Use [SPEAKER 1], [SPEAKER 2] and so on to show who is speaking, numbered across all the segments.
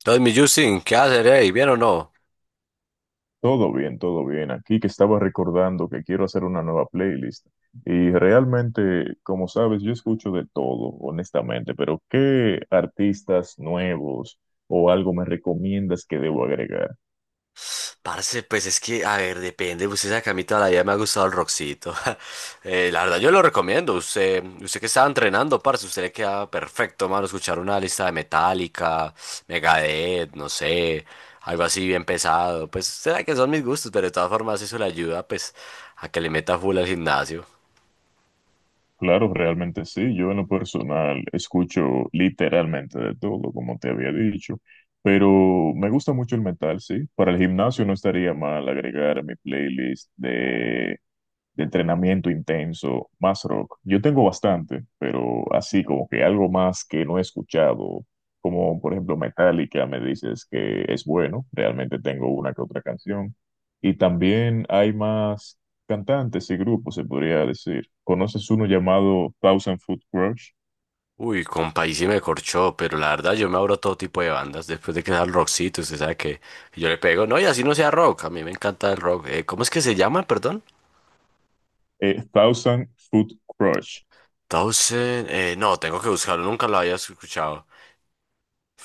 [SPEAKER 1] Entonces, mi Justin, ¿qué hacer, ¿Bien o no?
[SPEAKER 2] Todo bien, todo bien. Aquí que estaba recordando que quiero hacer una nueva playlist. Y realmente, como sabes, yo escucho de todo, honestamente, pero ¿qué artistas nuevos o algo me recomiendas que debo agregar?
[SPEAKER 1] Parce, pues es que, a ver, depende. Usted sabe que a mí toda la vida me ha gustado el rockcito. La verdad, yo lo recomiendo. Usted que estaba entrenando, parce, usted le queda perfecto, mano, escuchar una lista de Metallica, Megadeth, no sé, algo así bien pesado. Pues, será que son mis gustos, pero de todas formas eso le ayuda, pues, a que le meta full al gimnasio.
[SPEAKER 2] Claro, realmente sí. Yo en lo personal escucho literalmente de todo, como te había dicho, pero me gusta mucho el metal, sí. Para el gimnasio no estaría mal agregar a mi playlist de entrenamiento intenso, más rock. Yo tengo bastante, pero así como que algo más que no he escuchado, como por ejemplo Metallica, me dices que es bueno, realmente tengo una que otra canción. Y también hay más cantantes y grupos, se podría decir. ¿Conoces uno llamado Thousand Foot Crush?
[SPEAKER 1] Uy, compa, y sí me corchó, pero la verdad yo me abro a todo tipo de bandas. Después de que sea el rockcito, usted sabe que yo le pego. No, y así no sea rock, a mí me encanta el rock. ¿Cómo es que se llama, perdón?
[SPEAKER 2] Thousand Foot Crush.
[SPEAKER 1] Thousand... No, tengo que buscarlo, nunca lo había escuchado.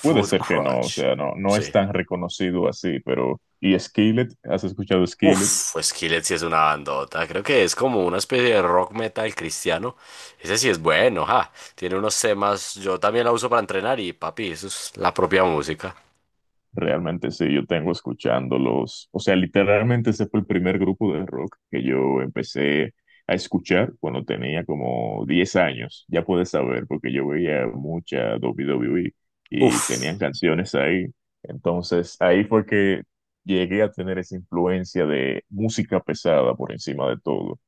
[SPEAKER 2] Puede ser que no, o
[SPEAKER 1] Crutch.
[SPEAKER 2] sea, no, no es
[SPEAKER 1] Sí.
[SPEAKER 2] tan reconocido así, pero… ¿Y Skillet? ¿Has escuchado Skillet?
[SPEAKER 1] Uf, Skillet sí es una bandota. Creo que es como una especie de rock metal cristiano. Ese sí es bueno, ja. Tiene unos temas, yo también la uso para entrenar y papi, eso es la propia música.
[SPEAKER 2] Realmente sí, yo tengo escuchándolos, o sea, literalmente ese fue el primer grupo de rock que yo empecé a escuchar cuando tenía como 10 años, ya puedes saber, porque yo veía mucha W WWE y
[SPEAKER 1] Uf.
[SPEAKER 2] tenían canciones ahí, entonces ahí fue que llegué a tener esa influencia de música pesada por encima de todo.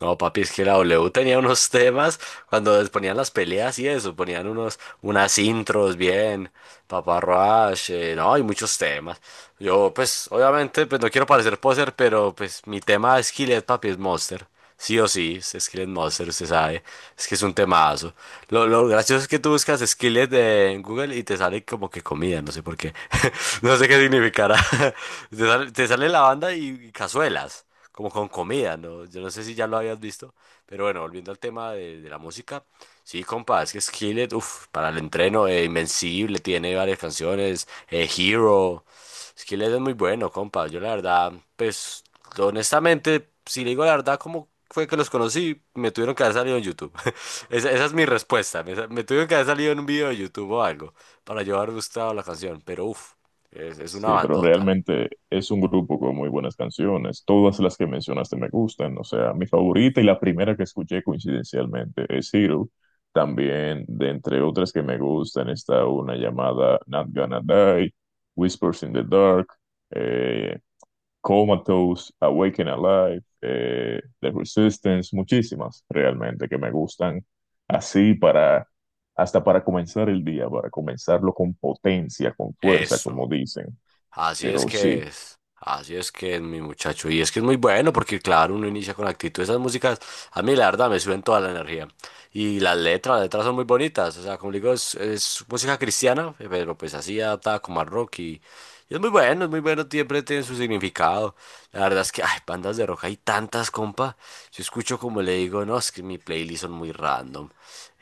[SPEAKER 1] No, papi, es que la W tenía unos temas cuando les ponían las peleas y eso, ponían unos, unas intros bien, Papá Roach, no, hay muchos temas. Yo, pues, obviamente, pues no quiero parecer poser, pero pues mi tema es Skillet, papi, es Monster. Sí o sí, es Skillet Monster, usted sabe, es que es un temazo. Lo gracioso es que tú buscas Skillet en Google y te sale como que comida, no sé por qué, no sé qué significará. Te sale la banda y cazuelas como con comida, ¿no? Yo no sé si ya lo habías visto, pero bueno, volviendo al tema de la música, sí, compa, es que Skillet, uff, para el entreno, Invencible, tiene varias canciones, Hero, Skillet es muy bueno, compa, yo la verdad, pues, honestamente, si le digo la verdad, como fue que los conocí? Me tuvieron que haber salido en YouTube, esa es mi respuesta, me tuvieron que haber salido en un video de YouTube o algo, para yo haber gustado la canción, pero uff, es una
[SPEAKER 2] Sí, pero
[SPEAKER 1] bandota,
[SPEAKER 2] realmente es un grupo con muy buenas canciones. Todas las que mencionaste me gustan. O sea, mi favorita y la primera que escuché coincidencialmente es Hero. También, de entre otras que me gustan, está una llamada Not Gonna Die, Whispers in the Dark, eh, Comatose, Awaken Alive, The Resistance, muchísimas realmente que me gustan. Así hasta para comenzar el día, para comenzarlo con potencia, con fuerza, como
[SPEAKER 1] eso.
[SPEAKER 2] dicen. Pero sí,
[SPEAKER 1] Así es que es mi muchacho. Y es que es muy bueno porque, claro, uno inicia con actitud. Esas músicas, a mí la verdad me suben toda la energía. Y las letras son muy bonitas. O sea, como le digo, es música cristiana, pero pues así adaptada como al rock. Y es muy bueno, siempre tiene su significado. La verdad es que, ay, bandas de rock hay tantas, compa. Yo escucho como le digo, no, es que mi playlist son muy random.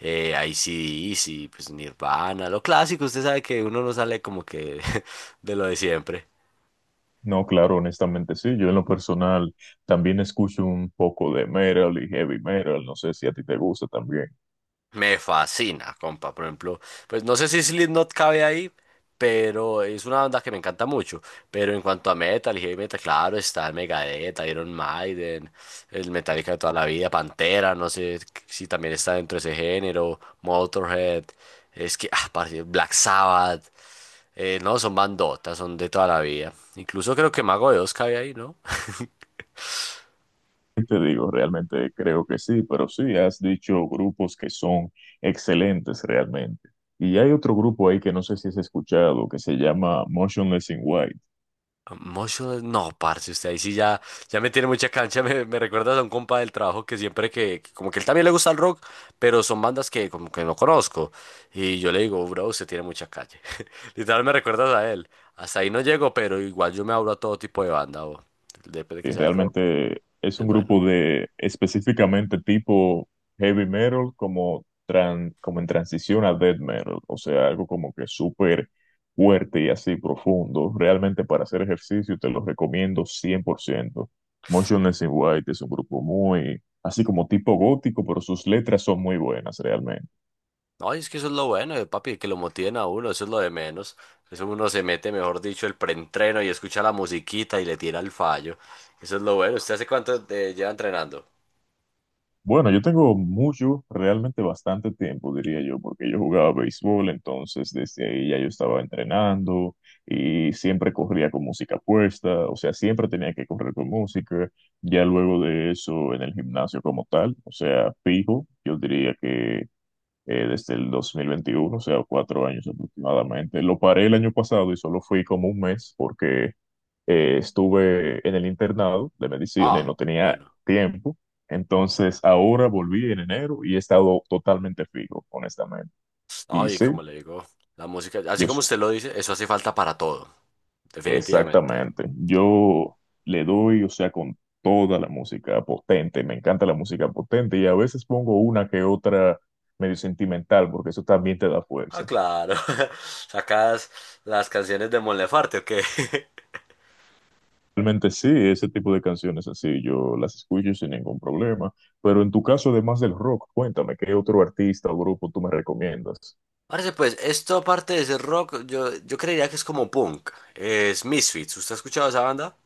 [SPEAKER 1] Ac pues Nirvana, lo clásico, usted sabe que uno no sale como que de lo de siempre.
[SPEAKER 2] no, claro, honestamente sí. Yo en lo personal también escucho un poco de metal y heavy metal. No sé si a ti te gusta también.
[SPEAKER 1] Me fascina, compa. Por ejemplo, pues no sé si Slipknot cabe ahí, pero es una banda que me encanta mucho. Pero en cuanto a metal y heavy metal, claro, está el Megadeth, Iron Maiden, el Metallica de toda la vida, Pantera, no sé si también está dentro de ese género, Motorhead, es que, ah, parce, Black Sabbath, no, son bandotas, son de toda la vida. Incluso creo que Mago de Oz cabe ahí, ¿no?
[SPEAKER 2] ¿Qué te digo? Realmente creo que sí, pero sí, has dicho grupos que son excelentes realmente. Y hay otro grupo ahí que no sé si has escuchado, que se llama Motionless in White.
[SPEAKER 1] Motion, no, parce, usted ahí sí ya, ya me tiene mucha cancha, me recuerdas a un compa del trabajo que siempre que como que él también le gusta el rock, pero son bandas que como que no conozco, y yo le digo, bro, usted tiene mucha calle, literal me recuerdas a él, hasta ahí no llego, pero igual yo me abro a todo tipo de banda, o, depende de que
[SPEAKER 2] Y
[SPEAKER 1] sea el rock,
[SPEAKER 2] realmente es
[SPEAKER 1] es
[SPEAKER 2] un
[SPEAKER 1] bueno,
[SPEAKER 2] grupo de específicamente tipo heavy metal, como, como en transición a death metal, o sea, algo como que súper fuerte y así profundo. Realmente para hacer ejercicio te lo recomiendo 100%. Motionless in White es un grupo muy, así como tipo gótico, pero sus letras son muy buenas realmente.
[SPEAKER 1] no, y es que eso es lo bueno, papi, que lo motiven a uno, eso es lo de menos, eso uno se mete, mejor dicho, el preentreno y escucha la musiquita y le tira el fallo, eso es lo bueno. ¿Usted hace cuánto lleva entrenando?
[SPEAKER 2] Bueno, yo tengo mucho, realmente bastante tiempo, diría yo, porque yo jugaba béisbol, entonces desde ahí ya yo estaba entrenando y siempre corría con música puesta, o sea, siempre tenía que correr con música, ya luego de eso en el gimnasio como tal, o sea, fijo, yo diría que desde el 2021, o sea, 4 años aproximadamente, lo paré el año pasado y solo fui como un mes porque estuve en el internado de medicina y
[SPEAKER 1] Ah,
[SPEAKER 2] no tenía
[SPEAKER 1] bueno.
[SPEAKER 2] tiempo. Entonces ahora volví en enero y he estado totalmente fijo, honestamente. Y
[SPEAKER 1] Ay,
[SPEAKER 2] sí,
[SPEAKER 1] como le digo, la música, así
[SPEAKER 2] yo
[SPEAKER 1] como
[SPEAKER 2] s-
[SPEAKER 1] usted lo dice, eso hace falta para todo, definitivamente.
[SPEAKER 2] exactamente. Yo le doy, o sea, con toda la música potente. Me encanta la música potente y a veces pongo una que otra medio sentimental porque eso también te da
[SPEAKER 1] Ah,
[SPEAKER 2] fuerza.
[SPEAKER 1] claro. ¿Sacas las canciones de Mon Laferte, o qué?
[SPEAKER 2] Realmente sí, ese tipo de canciones así yo las escucho sin ningún problema. Pero en tu caso, además del rock, cuéntame, ¿qué otro artista o grupo tú me recomiendas?
[SPEAKER 1] Parece pues, esto aparte de ser rock, yo creería que es como punk. Es Misfits. ¿Usted ha escuchado esa banda?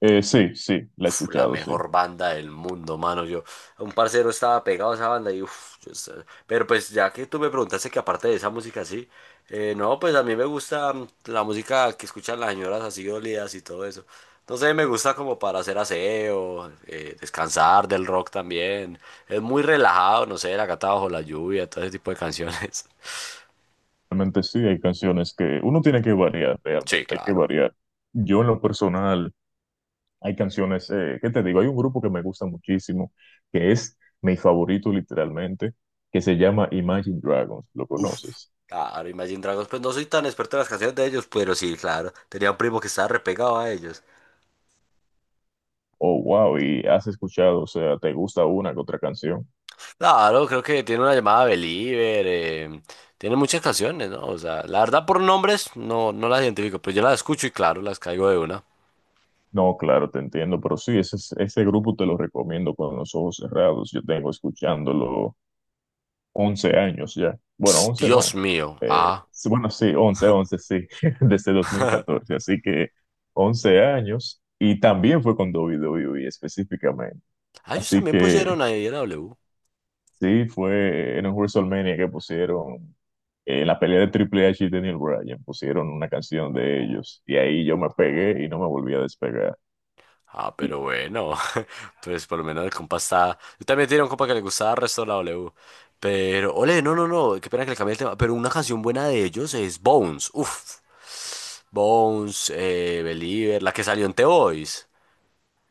[SPEAKER 2] Sí, sí, la he
[SPEAKER 1] Uf, la
[SPEAKER 2] escuchado, sí.
[SPEAKER 1] mejor banda del mundo, mano. Yo, un parcero estaba pegado a esa banda y uf, yo estaba... Pero pues ya que tú me preguntaste que aparte de esa música sí, no, pues a mí me gusta la música que escuchan las señoras así dolidas y todo eso. No sé, me gusta como para hacer aseo, descansar del rock también. Es muy relajado, no sé, La gata bajo la lluvia, todo ese tipo de canciones.
[SPEAKER 2] Realmente sí, hay canciones que uno tiene que variar,
[SPEAKER 1] Sí,
[SPEAKER 2] realmente, hay que
[SPEAKER 1] claro.
[SPEAKER 2] variar. Yo en lo personal, hay canciones, ¿qué te digo? Hay un grupo que me gusta muchísimo, que es mi favorito literalmente, que se llama Imagine Dragons, ¿lo conoces?
[SPEAKER 1] Claro, Imagine Dragons, pues no soy tan experto en las canciones de ellos, pero sí, claro. Tenía un primo que estaba repegado a ellos.
[SPEAKER 2] Oh, wow, y has escuchado, o sea, ¿te gusta una que otra canción?
[SPEAKER 1] Claro, creo que tiene una llamada Believer, tiene muchas canciones, ¿no? O sea, la verdad por nombres no, no las identifico, pero yo las escucho y claro, las caigo de una.
[SPEAKER 2] No, claro, te entiendo, pero sí, ese grupo te lo recomiendo con los ojos cerrados. Yo tengo escuchándolo 11 años ya. Bueno,
[SPEAKER 1] Pss,
[SPEAKER 2] 11
[SPEAKER 1] Dios
[SPEAKER 2] no.
[SPEAKER 1] mío,
[SPEAKER 2] Eh,
[SPEAKER 1] ah.
[SPEAKER 2] sí, bueno, sí, 11 sí, desde dos mil catorce, Así que 11 años y también fue con WWE específicamente.
[SPEAKER 1] Ah, ellos
[SPEAKER 2] Así
[SPEAKER 1] también
[SPEAKER 2] que
[SPEAKER 1] pusieron ahí Ira W.
[SPEAKER 2] sí, fue en un WrestleMania que pusieron, en la pelea de Triple H y Daniel Bryan, pusieron una canción de ellos y ahí yo me pegué y no me volví a despegar.
[SPEAKER 1] Ah,
[SPEAKER 2] Y
[SPEAKER 1] pero bueno, pues por lo menos el compa está... Yo también tenía un compa que le gustaba el resto de la W. Pero, ole, no, no, no, qué pena que le cambié el tema, pero una canción buena de ellos es Bones, uff. Bones, Believer, la que salió en The Voice.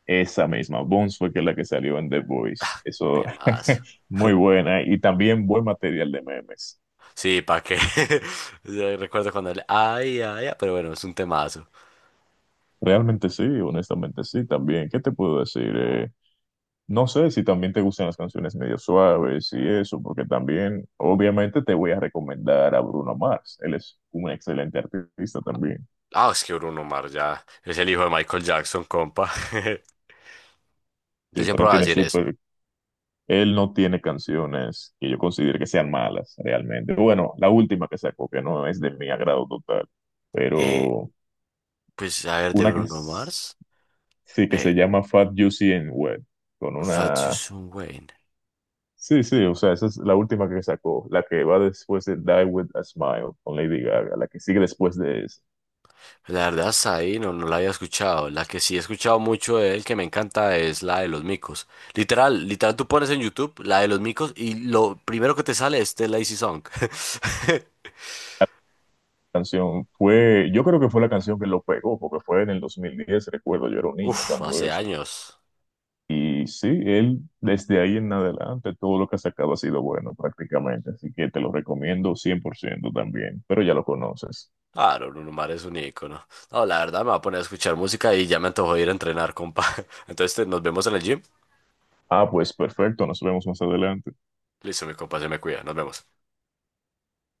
[SPEAKER 2] esa misma, Bones fue que es la que salió en The Voice. Eso,
[SPEAKER 1] Temas.
[SPEAKER 2] muy buena. Y también buen material de memes.
[SPEAKER 1] Sí, ¿para qué? Yo recuerdo cuando le... Ay, ay, ay, pero bueno, es un temazo.
[SPEAKER 2] Realmente sí, honestamente sí, también. ¿Qué te puedo decir? No sé si también te gustan las canciones medio suaves y eso, porque también, obviamente, te voy a recomendar a Bruno Mars. Él es un excelente artista también.
[SPEAKER 1] Ah, es que Bruno Mars ya es el hijo de Michael Jackson, compa. Yo
[SPEAKER 2] Sí, pero
[SPEAKER 1] siempre
[SPEAKER 2] él
[SPEAKER 1] voy a
[SPEAKER 2] tiene
[SPEAKER 1] decir eso.
[SPEAKER 2] súper, él no tiene canciones que yo considere que sean malas realmente. Bueno, la última que sacó, que no es de mi agrado total,
[SPEAKER 1] Eh,
[SPEAKER 2] pero
[SPEAKER 1] pues a ver, de
[SPEAKER 2] una que
[SPEAKER 1] Bruno
[SPEAKER 2] es-
[SPEAKER 1] Mars,
[SPEAKER 2] sí que se
[SPEAKER 1] eh,
[SPEAKER 2] llama Fat Juicy and Wet con
[SPEAKER 1] Fat You
[SPEAKER 2] una,
[SPEAKER 1] Soon Wayne.
[SPEAKER 2] sí, sí, o sea esa es la última que sacó, la que va después de Die with a Smile con Lady Gaga, la que sigue después de esa
[SPEAKER 1] Pues, la verdad, hasta ahí no, no la había escuchado. La que sí he escuchado mucho de él, que me encanta, es la de los micos. Literal, literal, tú pones en YouTube la de los micos y lo primero que te sale es The Lazy Song.
[SPEAKER 2] canción fue, yo creo que fue la canción que lo pegó, porque fue en el 2010, recuerdo yo era un niño
[SPEAKER 1] Uf,
[SPEAKER 2] cuando
[SPEAKER 1] hace
[SPEAKER 2] eso.
[SPEAKER 1] años.
[SPEAKER 2] Y sí, él desde ahí en adelante todo lo que ha sacado ha sido bueno prácticamente, así que te lo recomiendo 100% también, pero ya lo conoces.
[SPEAKER 1] Claro, Bruno Mars es un ícono. No, la verdad me va a poner a escuchar música y ya me antojó ir a entrenar, compa. Entonces te... nos vemos en el gym.
[SPEAKER 2] Ah, pues perfecto, nos vemos más adelante.
[SPEAKER 1] Listo, mi compa, se me cuida. Nos vemos.